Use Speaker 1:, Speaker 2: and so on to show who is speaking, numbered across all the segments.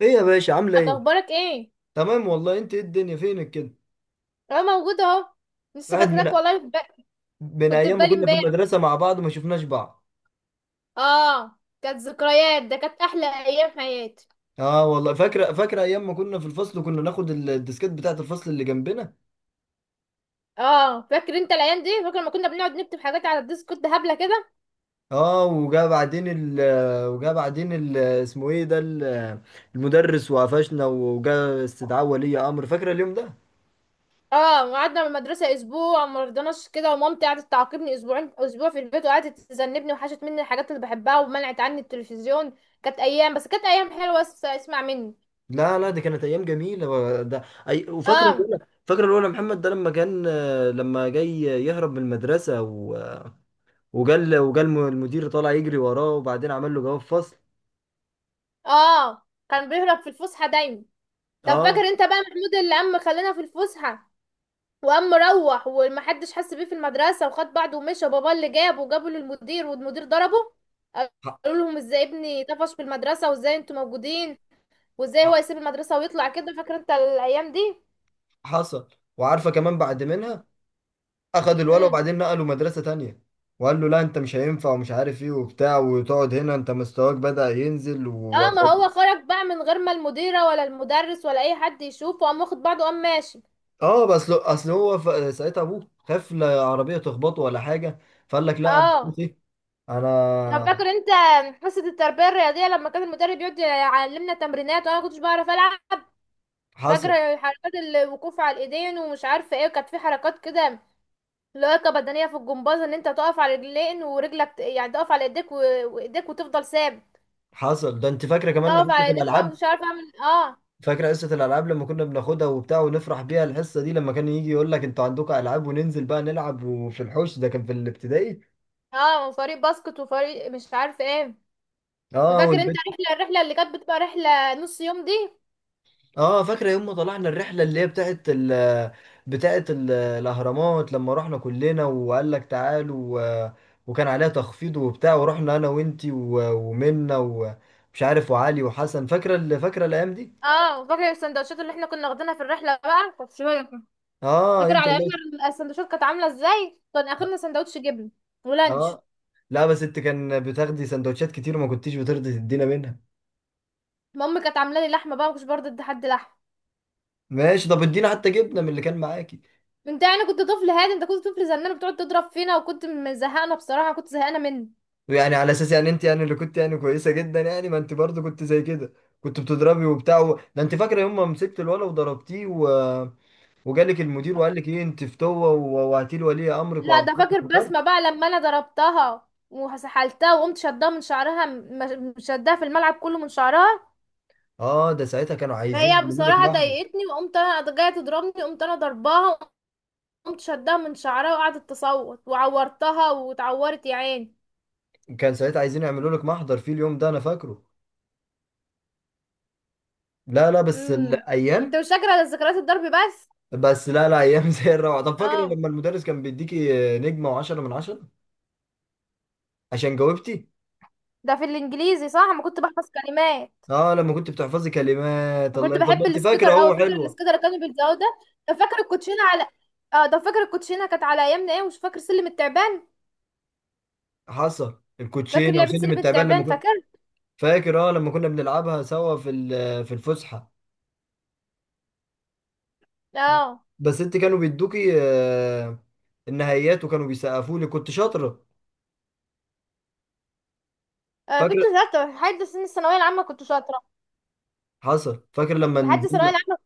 Speaker 1: ايه يا باشا، عامله ايه؟
Speaker 2: اخبارك ايه؟
Speaker 1: تمام والله. انت ايه الدنيا فينك كده؟
Speaker 2: اه موجوده اهو. لسه
Speaker 1: قاعد
Speaker 2: فاكراك
Speaker 1: من
Speaker 2: والله
Speaker 1: من
Speaker 2: كنت في
Speaker 1: ايام ما
Speaker 2: بالي
Speaker 1: كنا في
Speaker 2: امبارح.
Speaker 1: المدرسه مع بعض، ما شفناش بعض.
Speaker 2: اه كانت ذكريات، ده كانت احلى ايام في حياتي.
Speaker 1: اه، والله فاكره ايام ما كنا في الفصل. كنا ناخد الديسكات بتاعه الفصل اللي جنبنا.
Speaker 2: اه فاكر انت الايام دي، فاكر لما كنا بنقعد نكتب حاجات على الديسكورد هبله كده.
Speaker 1: اه، وجا بعدين ال اسمه ايه ده ال- المدرس وقفشنا، وجا استدعاء ولي امر. فاكره اليوم ده.
Speaker 2: اه وقعدنا من المدرسه اسبوع ما رضناش كده، ومامتي قعدت تعاقبني اسبوعين، اسبوع في البيت، وقعدت تذنبني، وحشت مني الحاجات اللي بحبها ومنعت عني التلفزيون. كانت ايام، بس كانت ايام حلوه، بس اسمع مني.
Speaker 1: لا لا، دي كانت ايام جميله ده. أي، وفاكره
Speaker 2: اه.
Speaker 1: الاولى. فاكره الاولى محمد، ده لما جاي يهرب من المدرسه، وجال المدير طالع يجري وراه، وبعدين عمل له جواب فصل.
Speaker 2: اه. كان بيهرب في الفسحه دايما. طب فاكر
Speaker 1: اه.
Speaker 2: انت بقى محمود اللي عم خلانا في الفسحه، وقام مروح ومحدش حس بيه في المدرسة، وخد بعضه ومشى. بابا اللي جابه وجابه للمدير، والمدير ضربه.
Speaker 1: ح-
Speaker 2: قالوا لهم: ازاي ابني طفش في المدرسة؟ وازاي انتوا موجودين؟ وازاي
Speaker 1: ح-
Speaker 2: هو يسيب المدرسة ويطلع كده؟ فاكر انت الايام دي؟
Speaker 1: حصل. وعارفه كمان بعد منها اخد الولد
Speaker 2: امم.
Speaker 1: وبعدين نقله مدرسه تانية، وقال له لا انت مش هينفع ومش عارف ايه وبتاع، وتقعد هنا انت مستواك بدأ ينزل.
Speaker 2: اه ما هو خرج بقى من غير ما المديرة ولا المدرس ولا اي حد يشوفه، قام واخد بعضه قام ماشي.
Speaker 1: اه بس اصل هو ساعتها ابوه خاف لا عربيه تخبطه ولا حاجه، فقال لك لا انا
Speaker 2: اه.
Speaker 1: خلاص ايه.
Speaker 2: طب
Speaker 1: انا.
Speaker 2: فاكر انت حصة التربية الرياضية لما كان المدرب يقعد يعلمنا تمرينات وانا ما كنتش بعرف العب؟
Speaker 1: حصل
Speaker 2: فاكر حركات الوقوف على الايدين ومش عارفة ايه، وكانت في حركات كده، لياقة بدنية في الجمباز، ان انت تقف على رجلين ورجلك يعني تقف على ايديك وايديك وتفضل ثابت.
Speaker 1: حصل. ده انت فاكره كمان
Speaker 2: تقف على
Speaker 1: حصه
Speaker 2: ايديك وانا
Speaker 1: الالعاب.
Speaker 2: مش عارفة اعمل إيه. اه.
Speaker 1: فاكر حصة الألعاب لما كنا بناخدها وبتاع ونفرح بيها الحصة دي، لما كان يجي يقول لك انتوا عندكم ألعاب وننزل بقى نلعب، وفي الحوش ده كان في الابتدائي.
Speaker 2: اه وفريق باسكت وفريق مش عارفة ايه.
Speaker 1: اه،
Speaker 2: فاكر انت
Speaker 1: والبنت.
Speaker 2: الرحلة اللي كانت بتبقى رحلة نص يوم دي؟
Speaker 1: اه فاكرة يوم ما طلعنا الرحلة اللي هي بتاعت الأهرامات، لما رحنا كلنا وقال لك تعالوا. و- وكان عليها تخفيض وبتاع، ورحنا أنا وأنتي ومنة ومش عارف وعلي وحسن. فاكرة الأيام دي؟
Speaker 2: اه فاكر السندوتشات اللي احنا كنا واخدينها في الرحلة بقى، كانت شوية كده.
Speaker 1: اه،
Speaker 2: فاكر
Speaker 1: انت
Speaker 2: على
Speaker 1: الله
Speaker 2: ايامنا السندوتشات كانت عاملة ازاي؟ كان اخرنا سندوتش جبن ولانش.
Speaker 1: اه. لا بس انت كان بتاخدي سندوتشات كتير وما كنتيش بترضي تدينا منها.
Speaker 2: مامي كانت عاملة لي لحمة بقى، ما كنتش برضه ادي حد لحمة.
Speaker 1: ماشي، طب ادينا حتى جبنه من اللي كان معاكي.
Speaker 2: انت يعني كنت طفل هادي؟ انت كنت طفل زنان، بتقعد تضرب فينا، وكنت مزهقنا بصراحة، كنت زهقانة منك.
Speaker 1: يعني على اساس يعني انت يعني اللي كنت يعني كويسه جدا يعني، ما انت برضه كنت زي كده. كنت بتضربي ده انت فاكره يوم ما مسكت الولا وضربتيه، وجالك المدير وقال لك ايه انت فتوه، ووعتي لولي امرك
Speaker 2: لا، ده
Speaker 1: وابعتك
Speaker 2: فاكر
Speaker 1: الضرب.
Speaker 2: بسمة بقى لما انا ضربتها وسحلتها وقمت شدها من شعرها، شدها في الملعب كله من شعرها.
Speaker 1: اه، ده ساعتها كانوا عايزين
Speaker 2: فهي
Speaker 1: يعملوا لك
Speaker 2: بصراحة
Speaker 1: محضر.
Speaker 2: ضايقتني، وقمت انا جاية تضربني قمت انا ضرباها، وقمت شدها من شعرها، وقعدت تصوت وعورتها واتعورت يا عيني.
Speaker 1: كان ساعتها عايزين يعملوا لك محضر في اليوم ده، انا فاكره. لا لا، بس
Speaker 2: امم. انت
Speaker 1: الايام.
Speaker 2: مش فاكرة ذكريات الضرب بس.
Speaker 1: بس لا لا، ايام زي الروعه. طب فاكره
Speaker 2: اه
Speaker 1: لما المدرس كان بيديكي نجمه وعشرة من عشرة عشان جاوبتي.
Speaker 2: ده في الانجليزي صح، انا كنت بحفظ كلمات.
Speaker 1: اه لما كنت بتحفظي كلمات
Speaker 2: انا كنت
Speaker 1: الله. طب ما
Speaker 2: بحب
Speaker 1: انت
Speaker 2: السكيتر
Speaker 1: فاكره
Speaker 2: اوي،
Speaker 1: اهو،
Speaker 2: فاكر
Speaker 1: حلوه.
Speaker 2: السكيتر اللي كانوا بيلزقوه ده؟ ده فاكر الكوتشينة على، اه ده فاكر الكوتشينة كانت على ايامنا ايه، ومش فاكر سلم التعبان؟
Speaker 1: حصل.
Speaker 2: فاكر
Speaker 1: الكوتشينه
Speaker 2: لعبة
Speaker 1: وسلم
Speaker 2: سلم
Speaker 1: التعبان لما
Speaker 2: التعبان،
Speaker 1: كنت
Speaker 2: فاكر؟
Speaker 1: فاكر. اه لما كنا بنلعبها سوا في في الفسحه.
Speaker 2: اه.
Speaker 1: بس انت كانوا بيدوكي، آه، النهائيات وكانوا بيسقفوا لي، كنت شاطره.
Speaker 2: آه، كنت
Speaker 1: فاكره.
Speaker 2: شاطرة لحد سن الثانوية العامة، كنت شاطرة.
Speaker 1: حصل، فاكره لما
Speaker 2: لحد الثانوية
Speaker 1: نزلنا.
Speaker 2: العامة.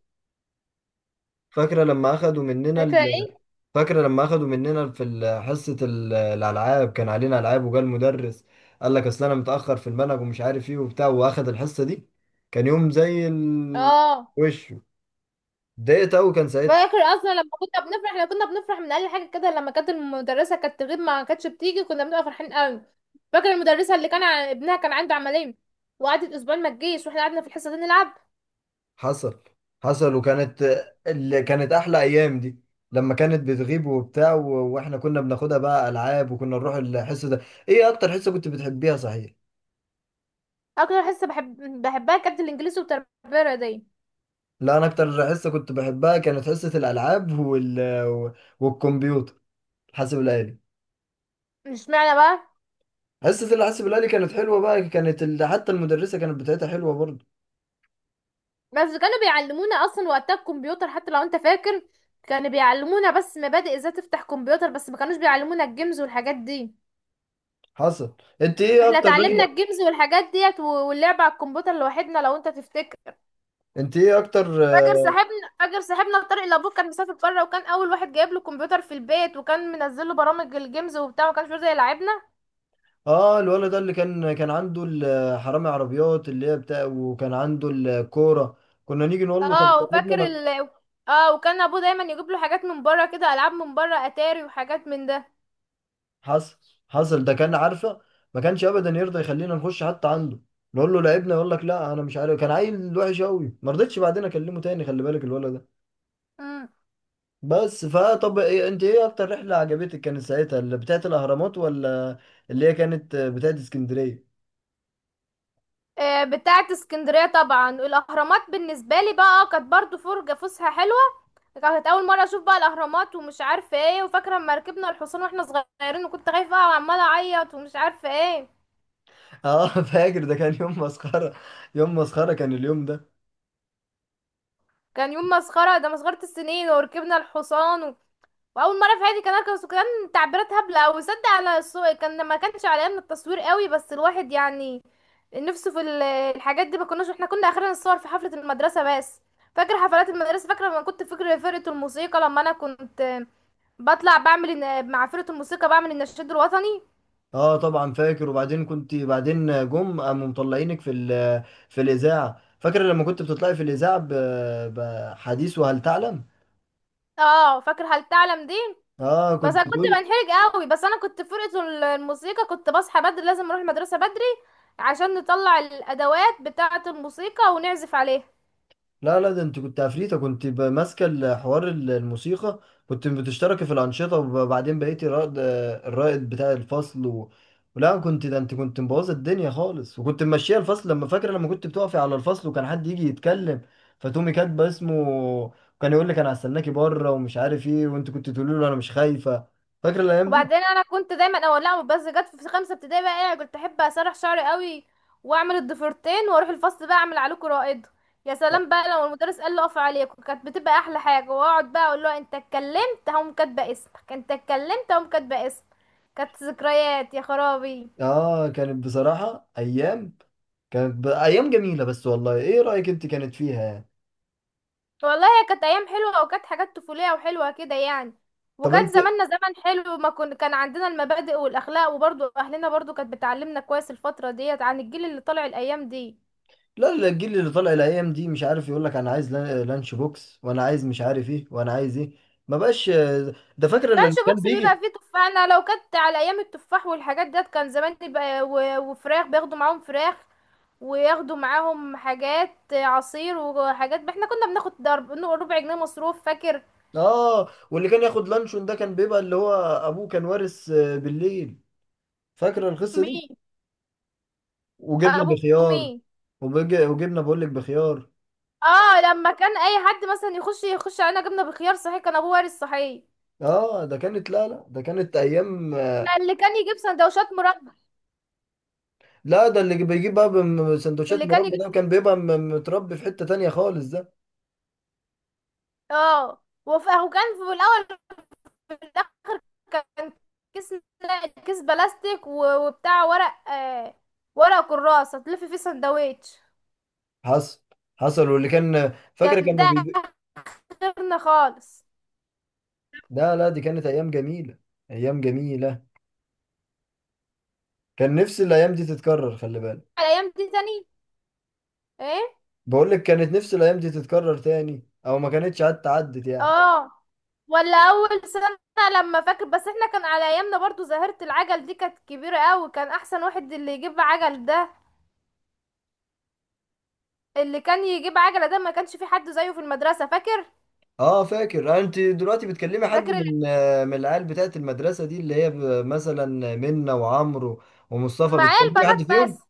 Speaker 1: فاكره لما اخدوا مننا
Speaker 2: فاكرة ايه؟
Speaker 1: فاكره لما اخدوا مننا في حصه الالعاب كان علينا العاب، وجا المدرس قال لك اصل انا متاخر في المنهج ومش عارف ايه وبتاع، واخد الحصه دي. كان يوم زي
Speaker 2: اه.
Speaker 1: وش. اتضايقت قوي كان ساعتها.
Speaker 2: فاكر اصلا لما كنا بنفرح، من اقل حاجة كده، لما كانت المدرسة كانت تغيب ما كانتش بتيجي، كنا بنبقى فرحين قوي. فاكر المدرسة اللي كان ابنها كان عنده عملية، وقعدت اسبوعين ما تجيش واحنا قعدنا في الحصة دي نلعب.
Speaker 1: حصل حصل. وكانت اللي كانت احلى ايام دي، لما كانت بتغيب واحنا كنا بناخدها بقى العاب وكنا نروح الحصه ده. ايه اكتر حصه كنت بتحبيها صحيح؟
Speaker 2: اكتر حصة بحبها كانت الانجليزي والتربية الرياضية.
Speaker 1: لا، انا اكتر حصه كنت بحبها كانت حصه الالعاب و- والكمبيوتر، الحاسب الالي.
Speaker 2: مش معنى بقى.
Speaker 1: حصه الحاسب الالي كانت حلوه بقى، كانت حتى المدرسه كانت بتاعتها حلوه برضه.
Speaker 2: بس كانوا بيعلمونا اصلا وقتها الكمبيوتر، حتى لو انت فاكر، كانوا بيعلمونا بس مبادئ ازاي تفتح كمبيوتر، بس ما كانوش بيعلمونا الجيمز والحاجات دي.
Speaker 1: حصل. انت ايه
Speaker 2: احنا
Speaker 1: اكتر
Speaker 2: اتعلمنا
Speaker 1: رحله؟
Speaker 2: الجيمز والحاجات ديت واللعب على الكمبيوتر لوحدنا لو انت تفتكر.
Speaker 1: انت ايه اكتر؟
Speaker 2: فاكر صاحبنا طارق، لابوه كان مسافر بره، وكان اول واحد جايب له كمبيوتر في البيت، وكان منزل له برامج الجيمز وبتاع، وما كانش بيرضى يلعبنا.
Speaker 1: اه الولد ده اللي كان عنده حرامي عربيات اللي هي بتاع، وكان عنده الكوره. كنا نيجي نقول له طب
Speaker 2: اه
Speaker 1: جنبنا
Speaker 2: وفاكر
Speaker 1: ما.
Speaker 2: ال اه وكان ابوه دايما يجيب له حاجات من بره كده، العاب من بره اتاري وحاجات من ده.
Speaker 1: حصل حصل. ده كان عارفه ما كانش ابدا يرضى يخلينا نخش حتى عنده، نقول له لعبنا يقول لك لا انا مش عارف. كان عيل وحش قوي، ما رضيتش بعدين اكلمه تاني. خلي بالك الولد ده.
Speaker 2: مم.
Speaker 1: بس فطب إيه، انت ايه اكتر رحله عجبتك كانت ساعتها؟ اللي بتاعت الاهرامات ولا اللي هي كانت بتاعت اسكندريه؟
Speaker 2: آه، بتاعة اسكندرية طبعا. الأهرامات بالنسبة لي بقى كانت برضو فرجة فسحة حلوة، كانت أول مرة أشوف بقى الأهرامات ومش عارفة ايه، وفاكرة لما ركبنا الحصان واحنا صغيرين وكنت خايفة أوي وعمالة أعيط ومش عارفة ايه.
Speaker 1: اه فاكر، ده كان يوم مسخره. يوم مسخره كان اليوم ده.
Speaker 2: كان يوم مسخرة ده، مسخرة السنين، وركبنا الحصان. واول مره في حياتي كان اركب، وكان تعبيرات هبله او صدق على السوق، كان ما كانش على ايامنا التصوير قوي، بس الواحد يعني نفسه الحاجات دي، ما كناش احنا كنا اخرنا نصور في حفله المدرسه بس. فاكر حفلات المدرسه؟ فاكره لما كنت، فاكر فرقه الموسيقى لما انا كنت بطلع بعمل مع فرقه الموسيقى بعمل النشيد الوطني.
Speaker 1: اه طبعا فاكر. وبعدين كنت بعدين جم قاموا مطلعينك في في الاذاعه. فاكر لما كنت بتطلعي في الاذاعه بحديث وهل تعلم.
Speaker 2: اه فاكر هل تعلم دي؟
Speaker 1: اه
Speaker 2: بس
Speaker 1: كنت
Speaker 2: انا كنت
Speaker 1: تقولي.
Speaker 2: بنحرج قوي، بس انا كنت في فرقه الموسيقى، كنت بصحى بدري لازم اروح المدرسه بدري عشان نطلع الادوات بتاعه الموسيقى ونعزف عليها.
Speaker 1: لا لا، ده انت كنت عفريتة. كنت ماسكة الحوار الموسيقى. كنت بتشتركي في الأنشطة، وبعدين بقيتي رائد الرائد بتاع الفصل لا كنت، ده انت كنت مبوظة الدنيا خالص، وكنت ممشية الفصل. لما فاكرة لما كنت بتقفي على الفصل وكان حد يجي يتكلم فتقومي كاتبة اسمه، كان يقول لك انا هستناكي بره ومش عارف ايه، وانت كنت تقولي له انا مش خايفة. فاكرة الأيام
Speaker 2: وبعدين
Speaker 1: دي؟
Speaker 2: انا كنت دايما اول، لا بس جت في خمسه ابتدائي بقى ايه، كنت احب اسرح شعري قوي واعمل الضفيرتين، واروح الفصل بقى اعمل عليكم رائد. يا
Speaker 1: لا.
Speaker 2: سلام بقى لو المدرس قال له اقف عليكم، كانت بتبقى احلى حاجه، واقعد بقى اقول له: انت اتكلمت هقوم كاتبه اسمك، انت اتكلمت هقوم كاتبه اسمك. كانت ذكريات يا خرابي.
Speaker 1: اه، كانت بصراحة أيام. كانت أيام جميلة. بس والله، ايه رأيك انت كانت فيها يعني؟
Speaker 2: والله هي كانت ايام حلوه، وكانت حاجات طفوليه وحلوه كده يعني.
Speaker 1: طب انت.
Speaker 2: وكان زماننا زمن حلو، ما كن... كان عندنا المبادئ والاخلاق، وبرضو اهلنا برضو كانت بتعلمنا كويس الفتره ديت عن الجيل اللي طالع الايام دي.
Speaker 1: لا لا، الجيل اللي طالع الايام دي مش عارف. يقول لك انا عايز لانش بوكس، وانا عايز مش عارف ايه، وانا عايز ايه. ما بقاش. ده فاكر
Speaker 2: لانش
Speaker 1: اللي كان
Speaker 2: بوكس بيبقى
Speaker 1: بيجي.
Speaker 2: فيه تفاح، انا لو كنت على ايام التفاح والحاجات ديت كان زماني بقى، وفراخ، بياخدوا معاهم فراخ، وياخدوا معاهم حاجات عصير وحاجات. احنا كنا بناخد ضرب ربع جنيه مصروف، فاكر؟
Speaker 1: اه واللي كان ياخد لانشون ده كان بيبقى اللي هو ابوه كان وارث، آه، بالليل. فاكر القصة دي.
Speaker 2: مين؟
Speaker 1: وجبنا
Speaker 2: ابو؟ مين؟
Speaker 1: بخيار. وجبنا بقول لك بخيار.
Speaker 2: اه لما كان اي حد مثلا يخش علينا جبنه بخيار، صحيح كان ابوه وارث، صحيح.
Speaker 1: اه، ده كانت، لا لا ده كانت ايام.
Speaker 2: لا، اللي كان يجيب سندوتشات مربى.
Speaker 1: لا ده اللي بيجيب بقى سندوتشات
Speaker 2: اللي كان
Speaker 1: مربى،
Speaker 2: يجيب
Speaker 1: ده كان بيبقى متربي في حتة تانية خالص ده.
Speaker 2: وكان في الاول، كان كيس، لا، كيس بلاستيك وبتاع ورق، ورق كراس هتلف فيه سندوتش.
Speaker 1: حصل حصل. واللي كان فاكر
Speaker 2: كان
Speaker 1: كانوا
Speaker 2: ده اخرنا خالص.
Speaker 1: لا لا، دي كانت ايام جميله. ايام جميله. كان نفسي الايام دي تتكرر، خلي بالك.
Speaker 2: على الايام دي تاني. ايه.
Speaker 1: بقول لك كانت نفسي الايام دي تتكرر تاني، او ما كانتش عدت يعني.
Speaker 2: اه. ولا اول سنه. لما فاكر بس احنا كان على ايامنا برضو ظاهره العجل دي كانت كبيره قوي، كان احسن واحد اللي يجيب عجل ده، اللي كان يجيب عجله ده ما كانش في حد زيه في المدرسه، فاكر؟
Speaker 1: اه فاكر. آه، انت دلوقتي بتكلمي حد
Speaker 2: فاكر ال-
Speaker 1: من، آه، من العيال بتاعت المدرسه دي، اللي هي مثلا منة وعمرو ومصطفى؟
Speaker 2: معايا
Speaker 1: بتكلمي
Speaker 2: البنات
Speaker 1: حد فيهم؟
Speaker 2: بس،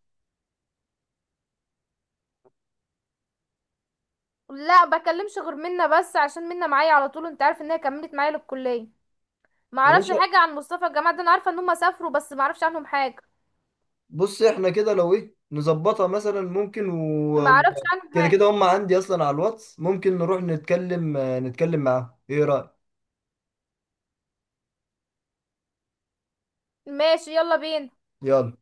Speaker 2: لا بكلمش غير منا بس عشان منا معايا على طول، انت عارف ان هي كملت معايا للكليه. ما
Speaker 1: يا
Speaker 2: اعرفش
Speaker 1: باشا،
Speaker 2: حاجه عن مصطفى، الجماعه ده انا عارفه ان هم سافروا بس ما اعرفش عنهم حاجه.
Speaker 1: بص احنا كده لو ايه نظبطها مثلا، ممكن
Speaker 2: ما اعرفش عنهم
Speaker 1: كده
Speaker 2: حاجه.
Speaker 1: كده هم عندي اصلا على الواتس، ممكن نروح نتكلم، آه، نتكلم معاهم. ايه رايك؟
Speaker 2: ماشي، يلا بينا.
Speaker 1: يلا.